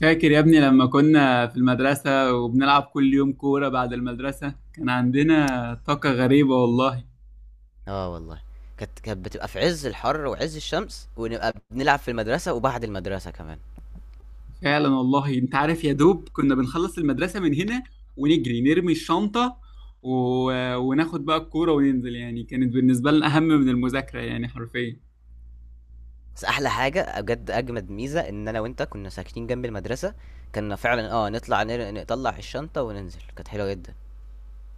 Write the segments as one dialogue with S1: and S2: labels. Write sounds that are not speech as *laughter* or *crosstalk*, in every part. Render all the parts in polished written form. S1: فاكر يا ابني لما كنا في المدرسة وبنلعب كل يوم كورة بعد المدرسة؟ كان عندنا طاقة غريبة والله.
S2: آه والله، كانت بتبقى في عز الحر وعز الشمس ونبقى بنلعب في المدرسة وبعد المدرسة كمان.
S1: فعلا والله، انت عارف، يا دوب كنا بنخلص المدرسة من هنا ونجري نرمي الشنطة و... وناخد بقى الكورة وننزل. يعني كانت بالنسبة لنا أهم من المذاكرة، يعني حرفيا.
S2: بس أحلى حاجة بجد أجمد ميزة إن أنا وأنت كنا ساكنين جنب المدرسة. كنا فعلا نطلع نطلع الشنطة وننزل، كانت حلوة جدا.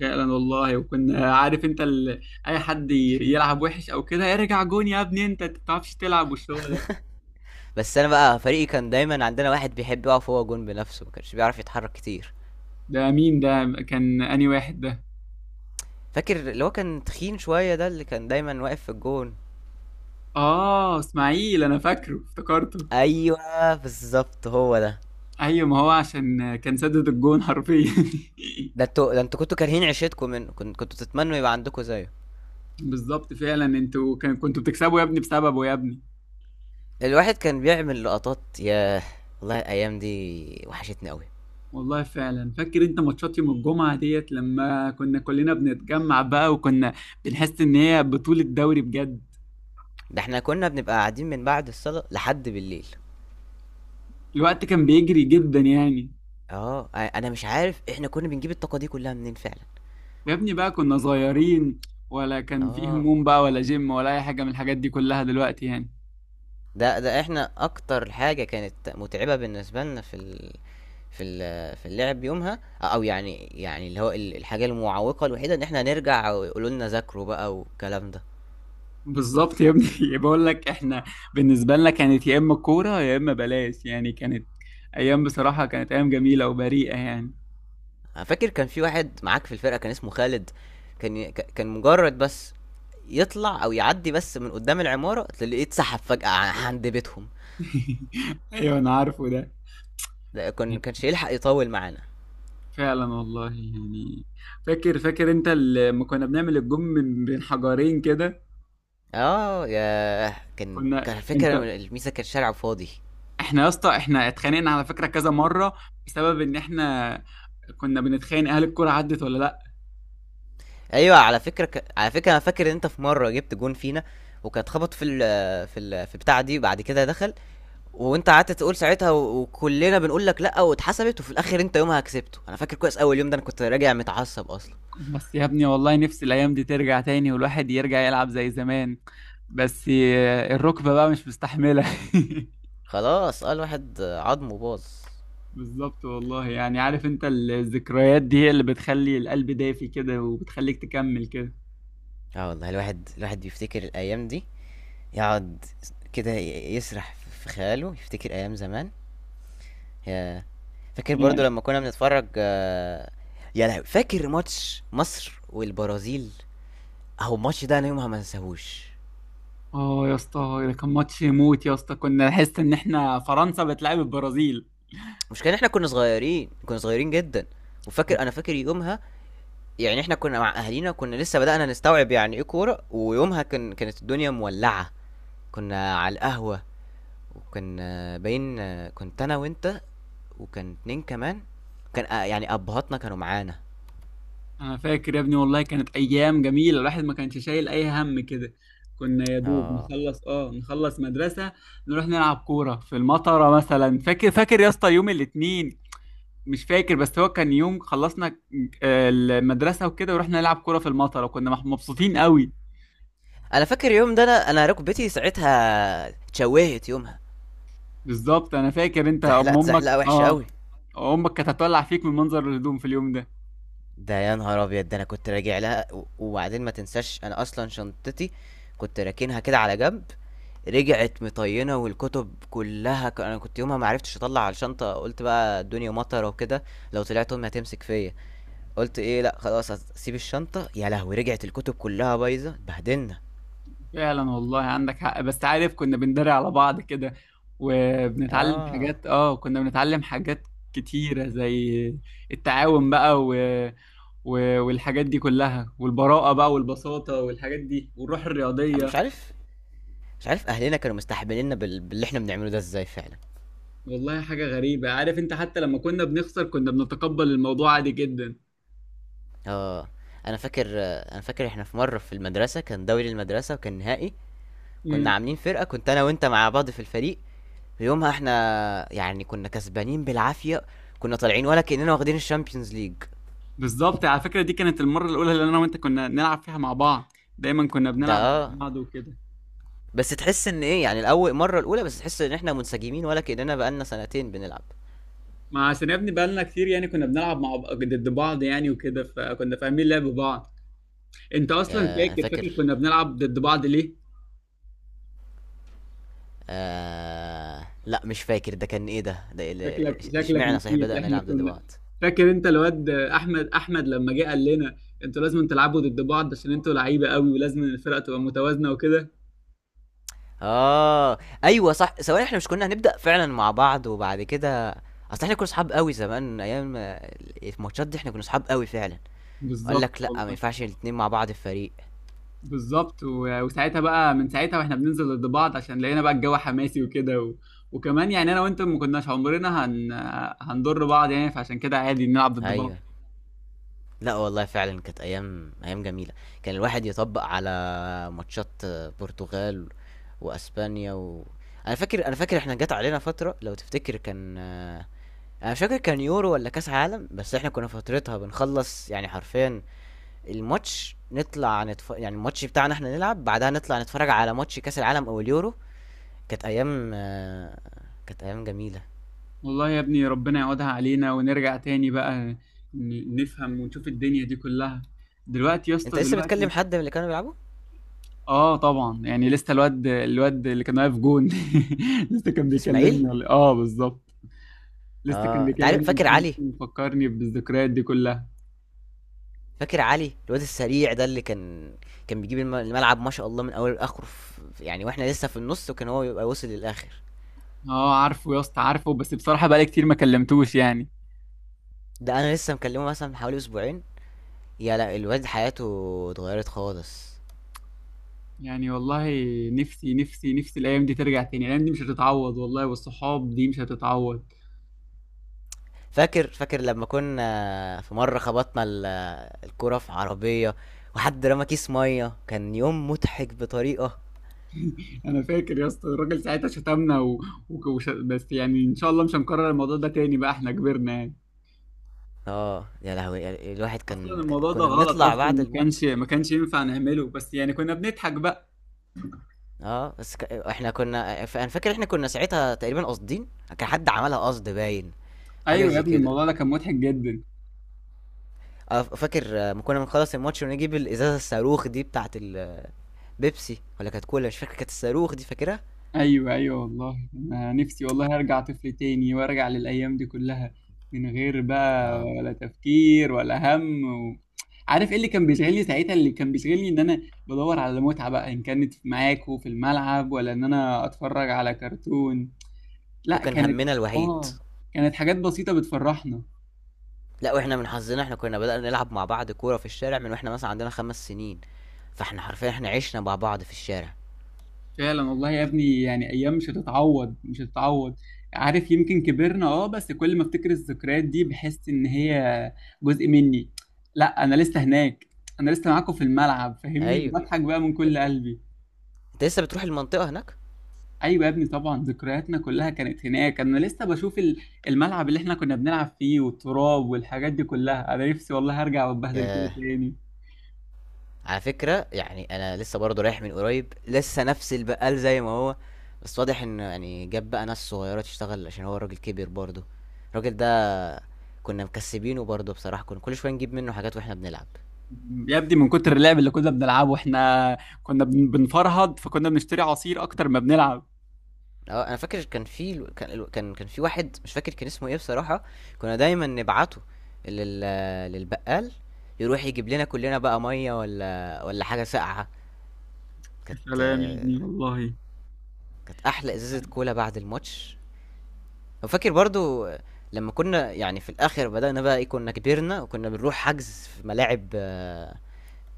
S1: فعلا والله. وكنا، عارف انت، اي حد يلعب وحش او كده، ارجع جون يا ابني، انت تعرفش تلعب والشغل ده.
S2: بس أنا بقى، فريقي كان دايما عندنا واحد بيحب يقف هو جون بنفسه، ما كانش بيعرف يتحرك كتير.
S1: ده مين ده؟ كان انهي واحد ده؟
S2: فاكر اللي هو كان تخين شوية، ده اللي كان دايما واقف في الجون؟
S1: اه، اسماعيل، انا فاكره، افتكرته.
S2: أيوه، بالظبط هو ده.
S1: ايوه، ما هو عشان كان سدد الجون حرفيا.
S2: ده انتوا كنتوا كارهين عيشتكم منه، كنتوا تتمنوا يبقى عندكم زيه.
S1: *laughs* بالظبط فعلا، انتوا كنتوا بتكسبوا يا ابني بسببه يا ابني.
S2: الواحد كان بيعمل لقطات، ياه! والله الأيام دي وحشتني أوي،
S1: والله فعلا، فاكر انت ماتشات يوم الجمعة ديت لما كنا كلنا بنتجمع بقى، وكنا بنحس ان هي بطولة دوري بجد.
S2: ده إحنا كنا بنبقى قاعدين من بعد الصلاة لحد بالليل.
S1: الوقت كان بيجري جدا يعني.
S2: آه، أنا مش عارف إحنا كنا بنجيب الطاقة دي كلها منين فعلًا.
S1: يا ابني بقى كنا صغيرين، ولا كان فيه
S2: آه،
S1: هموم بقى ولا جيم ولا اي حاجة من الحاجات دي كلها دلوقتي يعني.
S2: ده إحنا أكتر حاجة كانت متعبة بالنسبة لنا في ال في ال في اللعب يومها، أو يعني اللي هو الحاجة المعوقة الوحيدة إن إحنا نرجع ويقولوا لنا ذاكروا بقى والكلام ده.
S1: بالظبط يا ابني. *laughs* بقول لك احنا، بالنسبه لنا كانت يا اما كوره يا اما بلاش، يعني كانت ايام بصراحه، كانت ايام جميله وبريئه يعني.
S2: انا فاكر كان في واحد معاك في الفرقه كان اسمه خالد، كان مجرد بس يطلع او يعدي بس من قدام العماره، تلاقيه اتسحب فجاه عند بيتهم.
S1: *laughs* ايوه انا عارفه ده.
S2: ده كانش يلحق يطول معانا.
S1: فعلا والله يعني. فاكر انت لما كنا بنعمل الجم من بين حجرين كده؟
S2: اه يا كان
S1: كنا
S2: كان فكره
S1: انت
S2: الميزه، كان شارع فاضي.
S1: احنا يا اسطى، احنا اتخانقنا على فكره كذا مره بسبب ان احنا كنا بنتخانق هل الكوره عدت ولا لا.
S2: ايوه، على فكره على فكره، انا فاكر ان انت في مره جبت جون فينا، وكان اتخبط في ال في ال في بتاع دي، بعد كده دخل، وانت قعدت تقول ساعتها، وكلنا بنقول لك لا، واتحسبت، وفي الاخر انت يومها كسبته. انا فاكر كويس اول يوم ده، انا كنت راجع متعصب اصلا.
S1: بس يا ابني والله نفسي الأيام دي ترجع تاني، والواحد يرجع يلعب زي زمان. بس الركبة بقى مش مستحملة. *laughs*
S2: خلاص، اه، الواحد عظمه باظ.
S1: بالظبط والله يعني. عارف انت، الذكريات دي هي اللي بتخلي القلب دافي كده، وبتخليك تكمل كده
S2: اه والله، الواحد بيفتكر الايام دي، يقعد كده يسرح في خياله، يفتكر ايام زمان. يا فاكر برضو
S1: يعني.
S2: لما كنا بنتفرج يا لهوي، فاكر ماتش مصر والبرازيل، اهو الماتش ده انا يومها ما انساهوش.
S1: اه يا اسطى، ده كان ماتش يموت يا اسطى، كنا نحس ان احنا فرنسا بتلعب البرازيل.
S2: مش كان احنا كنا صغيرين؟ كنا صغيرين جدا. انا فاكر يومها، يعني احنا كنا مع اهالينا، كنا لسه بدأنا نستوعب يعني ايه كورة. ويومها كانت الدنيا مولعة، كنا على القهوة، وكان باين كنت انا وانت، وكان اتنين كمان. كان يعني ابهاتنا كانوا معانا.
S1: انا فاكر يا ابني، والله كانت ايام جميله، الواحد ما كانش شايل اي هم كده. كنا يا دوب
S2: اه،
S1: نخلص، نخلص مدرسه، نروح نلعب كوره في المطره مثلا. فاكر يا اسطى يوم الاثنين؟ مش فاكر، بس هو كان يوم خلصنا المدرسه وكده، ورحنا نلعب كوره في المطره وكنا مبسوطين قوي.
S2: انا فاكر اليوم ده، انا ركبتي ساعتها اتشوهت يومها،
S1: بالظبط، انا فاكر انت ام
S2: اتزحلقت
S1: امك
S2: زحلقه وحشه قوي.
S1: اه امك كانت هتولع فيك من منظر الهدوم في اليوم ده.
S2: ده يا نهار ابيض! ده انا كنت راجع لها، وبعدين ما تنساش انا اصلا شنطتي كنت راكنها كده على جنب، رجعت مطينه والكتب كلها، انا كنت يومها ما عرفتش اطلع على الشنطه. قلت بقى الدنيا مطره وكده، لو طلعت امي هتمسك فيا، قلت ايه، لا خلاص هسيب الشنطة، يا لهوي، رجعت الكتب كلها بايظة، اتبهدلنا.
S1: فعلا والله عندك حق. بس عارف كنا بندري على بعض كده، وبنتعلم
S2: اه،
S1: حاجات، كنا بنتعلم حاجات كتيرة زي التعاون بقى، والحاجات دي كلها، والبراءة بقى، والبساطة والحاجات دي، والروح
S2: أنا مش
S1: الرياضية.
S2: عارف مش عارف اهلنا كانوا مستحمليننا باللي احنا بنعمله ده ازاي فعلا.
S1: والله حاجة غريبة، عارف انت، حتى لما كنا بنخسر كنا بنتقبل الموضوع عادي جدا.
S2: اه، انا فاكر انا فاكر احنا في مرة في المدرسة، كان دوري المدرسة وكان نهائي، كنا
S1: امم.
S2: عاملين فرقة، كنت انا وانت مع بعض في الفريق، ويومها احنا يعني كنا كسبانين بالعافية، كنا طالعين ولا كأننا واخدين الشامبيونز ليج.
S1: بالظبط، على فكرة، دي كانت المرة الأولى اللي أنا وأنت كنا نلعب فيها مع بعض. دايما كنا
S2: ده،
S1: بنلعب مع
S2: آه.
S1: بعض وكده.
S2: بس تحس ان ايه؟ يعني الاول مرة الاولى، بس تحس ان احنا منسجمين ولا كأننا بقالنا سنتين بنلعب.
S1: ما عشان يا ابني بقالنا كتير، يعني كنا بنلعب مع ضد بعض يعني وكده، فكنا فاهمين لعب بعض. انت اصلا
S2: انا
S1: فاكر
S2: فاكر.
S1: فاكر كنا بنلعب ضد بعض ليه؟
S2: آه، لا مش فاكر، ده كان ايه؟ ده إيه
S1: شكلك شكلك
S2: اشمعنى صحيح
S1: نسيت.
S2: بدأنا
S1: احنا
S2: نلعب
S1: كنا
S2: دلوقت؟
S1: فاكر انت الواد احمد لما جه قال لنا، انتوا لازم تلعبوا ضد بعض عشان انتوا لعيبه قوي، ولازم الفرقه تبقى متوازنه وكده.
S2: اه، ايوه صح، ثواني، احنا مش كنا هنبدأ فعلا مع بعض وبعد كده، اصل احنا كنا صحاب قوي زمان، ايام الماتشات دي، احنا كنا صحاب قوي فعلا. قال
S1: بالظبط
S2: لك لا، ما
S1: والله.
S2: ينفعش الاتنين مع بعض في فريق.
S1: بالظبط، وساعتها بقى، من ساعتها واحنا بننزل ضد بعض عشان لقينا بقى الجو حماسي وكده، وكمان يعني انا وانت ما كناش عمرنا هنضر بعض يعني، فعشان كده عادي نلعب ضد
S2: ايوه.
S1: بعض.
S2: لا والله فعلا كانت ايام جميلة. كان الواحد يطبق على ماتشات برتغال واسبانيا انا فاكر احنا جت علينا فترة، لو تفتكر، كان انا مش فاكر كان يورو ولا كاس عالم. بس احنا كنا فترتها بنخلص يعني حرفيا الماتش، نطلع يعني الماتش بتاعنا احنا نلعب بعدها نطلع نتفرج على ماتش كاس العالم او اليورو. كانت ايام آه، كانت ايام جميله.
S1: والله يا ابني ربنا يعودها علينا ونرجع تاني بقى، نفهم ونشوف الدنيا دي كلها دلوقتي يا
S2: انت
S1: اسطى
S2: لسه بتكلم
S1: دلوقتي.
S2: حد من اللي كانوا بيلعبوا؟
S1: اه طبعا، يعني لسه الواد اللي كان واقف جون. *laughs* لسه كان
S2: اسماعيل.
S1: بيكلمني، ولا بالظبط، لسه كان
S2: اه، انت عارف، فاكر
S1: بيكلمني،
S2: علي؟
S1: مفكرني بالذكريات دي كلها.
S2: فاكر علي الواد السريع ده، اللي كان كان بيجيب الملعب ما شاء الله من اول لاخره، يعني واحنا لسه في النص وكان هو يبقى وصل للاخر.
S1: اه عارفه يا اسطى، عارفه، بس بصراحة بقالي كتير ما كلمتوش يعني.
S2: ده انا لسه مكلمه مثلا من حوالي اسبوعين، لا، الواد حياته اتغيرت خالص.
S1: يعني والله، نفسي نفسي نفسي الايام دي ترجع تاني. الايام دي مش هتتعوض والله، والصحاب دي مش هتتعوض.
S2: فاكر لما كنا في مرة خبطنا الكرة في عربية، وحد رمى كيس مية، كان يوم مضحك بطريقة.
S1: *laughs* انا فاكر يا اسطى، الراجل ساعتها شتمنا بس يعني ان شاء الله مش هنكرر الموضوع ده تاني بقى، احنا كبرنا يعني.
S2: اه، يا لهوي، الواحد
S1: اصلا
S2: كان،
S1: الموضوع ده
S2: كنا
S1: غلط،
S2: بنطلع
S1: اصلا
S2: بعد
S1: ما كانش
S2: الماتش.
S1: ما كانش ينفع نعمله، بس يعني كنا بنضحك بقى.
S2: اه، بس احنا كنا انا فاكر احنا كنا ساعتها تقريبا قاصدين، كان حد عملها قصد باين، حاجة
S1: ايوه يا
S2: زي
S1: ابني
S2: كده.
S1: الموضوع ده كان مضحك جدا.
S2: اه، فاكر ما كنا بنخلص الماتش ونجيب الازازة الصاروخ دي بتاعت البيبسي، ولا كانت كولا، مش فاكر، كانت الصاروخ دي، فاكرها؟
S1: ايوه ايوه والله، انا نفسي والله ارجع طفل تاني وارجع للايام دي كلها، من غير بقى
S2: اه،
S1: ولا تفكير ولا هم و... عارف ايه اللي كان بيشغلني ساعتها؟ اللي كان بيشغلني ان انا بدور على متعة بقى، ان كانت معاكوا في الملعب ولا ان انا اتفرج على كرتون.
S2: ده
S1: لا.
S2: كان همنا الوحيد.
S1: اه كانت حاجات بسيطة بتفرحنا.
S2: لا، واحنا من حظنا احنا كنا بدأنا نلعب مع بعض كورة في الشارع من واحنا مثلا عندنا 5 سنين، فاحنا حرفيا احنا عشنا مع بعض في الشارع.
S1: فعلا والله يا ابني يعني، ايام مش هتتعوض، مش هتتعوض. عارف، يمكن كبرنا، بس كل ما افتكر الذكريات دي بحس ان هي جزء مني. لا، انا لسه هناك، انا لسه معاكم في الملعب، فاهمني؟
S2: ايوه،
S1: بضحك بقى من كل قلبي.
S2: انت لسه بتروح المنطقة هناك؟
S1: ايوه يا ابني طبعا، ذكرياتنا كلها كانت هناك. انا لسه بشوف الملعب اللي احنا كنا بنلعب فيه، والتراب والحاجات دي كلها. انا نفسي والله هرجع واتبهدل كده
S2: ياه،
S1: تاني.
S2: على فكرة يعني انا لسه برضه رايح من قريب، لسه نفس البقال زي ما هو، بس واضح ان يعني جاب بقى ناس صغيرة تشتغل عشان هو الراجل كبر برضه. الراجل ده، كنا مكسبينه برضه بصراحة، كنا كل شوية نجيب منه حاجات واحنا بنلعب.
S1: يا ابني من كتر اللعب اللي كنا بنلعبه، احنا كنا بنفرهد، فكنا بنشتري عصير اكتر ما بنلعب.
S2: اه، انا فاكر كان في واحد، مش فاكر كان اسمه ايه بصراحة، كنا دايما نبعته لل للبقال، يروح يجيب لنا كلنا بقى مية ولا حاجة ساقعة.
S1: يا
S2: كانت
S1: سلام يا ابني والله.
S2: كانت احلى ازازة كولا بعد الماتش. وفاكر برضو لما كنا يعني في الاخر بدأنا بقى، ايه كنا كبرنا وكنا بنروح حجز في ملاعب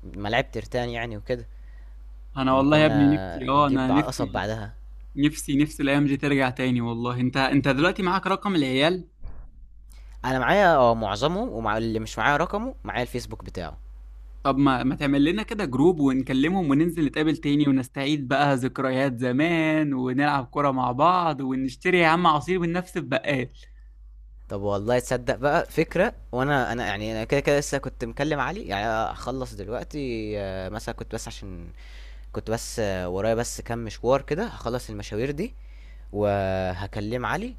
S2: ملاعب ترتان يعني وكده،
S1: انا
S2: لما
S1: والله يا
S2: كنا
S1: ابني نفسي،
S2: بنجيب
S1: انا
S2: قصب
S1: نفسي
S2: بعدها.
S1: نفسي نفسي الايام دي ترجع تاني. والله انت دلوقتي معاك رقم العيال.
S2: انا معايا، اه، معظمهم، ومع اللي مش معايا رقمه معايا الفيسبوك بتاعه.
S1: طب ما تعمل لنا كده جروب، ونكلمهم وننزل نتقابل تاني، ونستعيد بقى ذكريات زمان، ونلعب كرة مع بعض، ونشتري يا عم عصير من نفس البقال.
S2: طب والله، تصدق بقى فكرة! وانا يعني كده كده لسه كنت مكلم علي، يعني هخلص دلوقتي مثلا، كنت بس عشان كنت بس ورايا بس كام مشوار كده، هخلص المشاوير دي وهكلم علي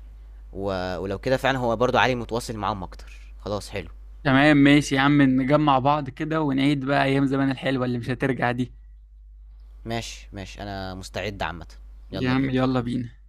S2: و... ولو كده فعلا هو برضو علي متواصل معاهم اكتر. خلاص، حلو.
S1: تمام ماشي يا عم، نجمع بعض كده ونعيد بقى ايام زمان الحلوة اللي مش هترجع دي.
S2: ماشي، ماشي، انا مستعد عامة.
S1: يا
S2: يلا
S1: عم
S2: بينا.
S1: يلا بينا.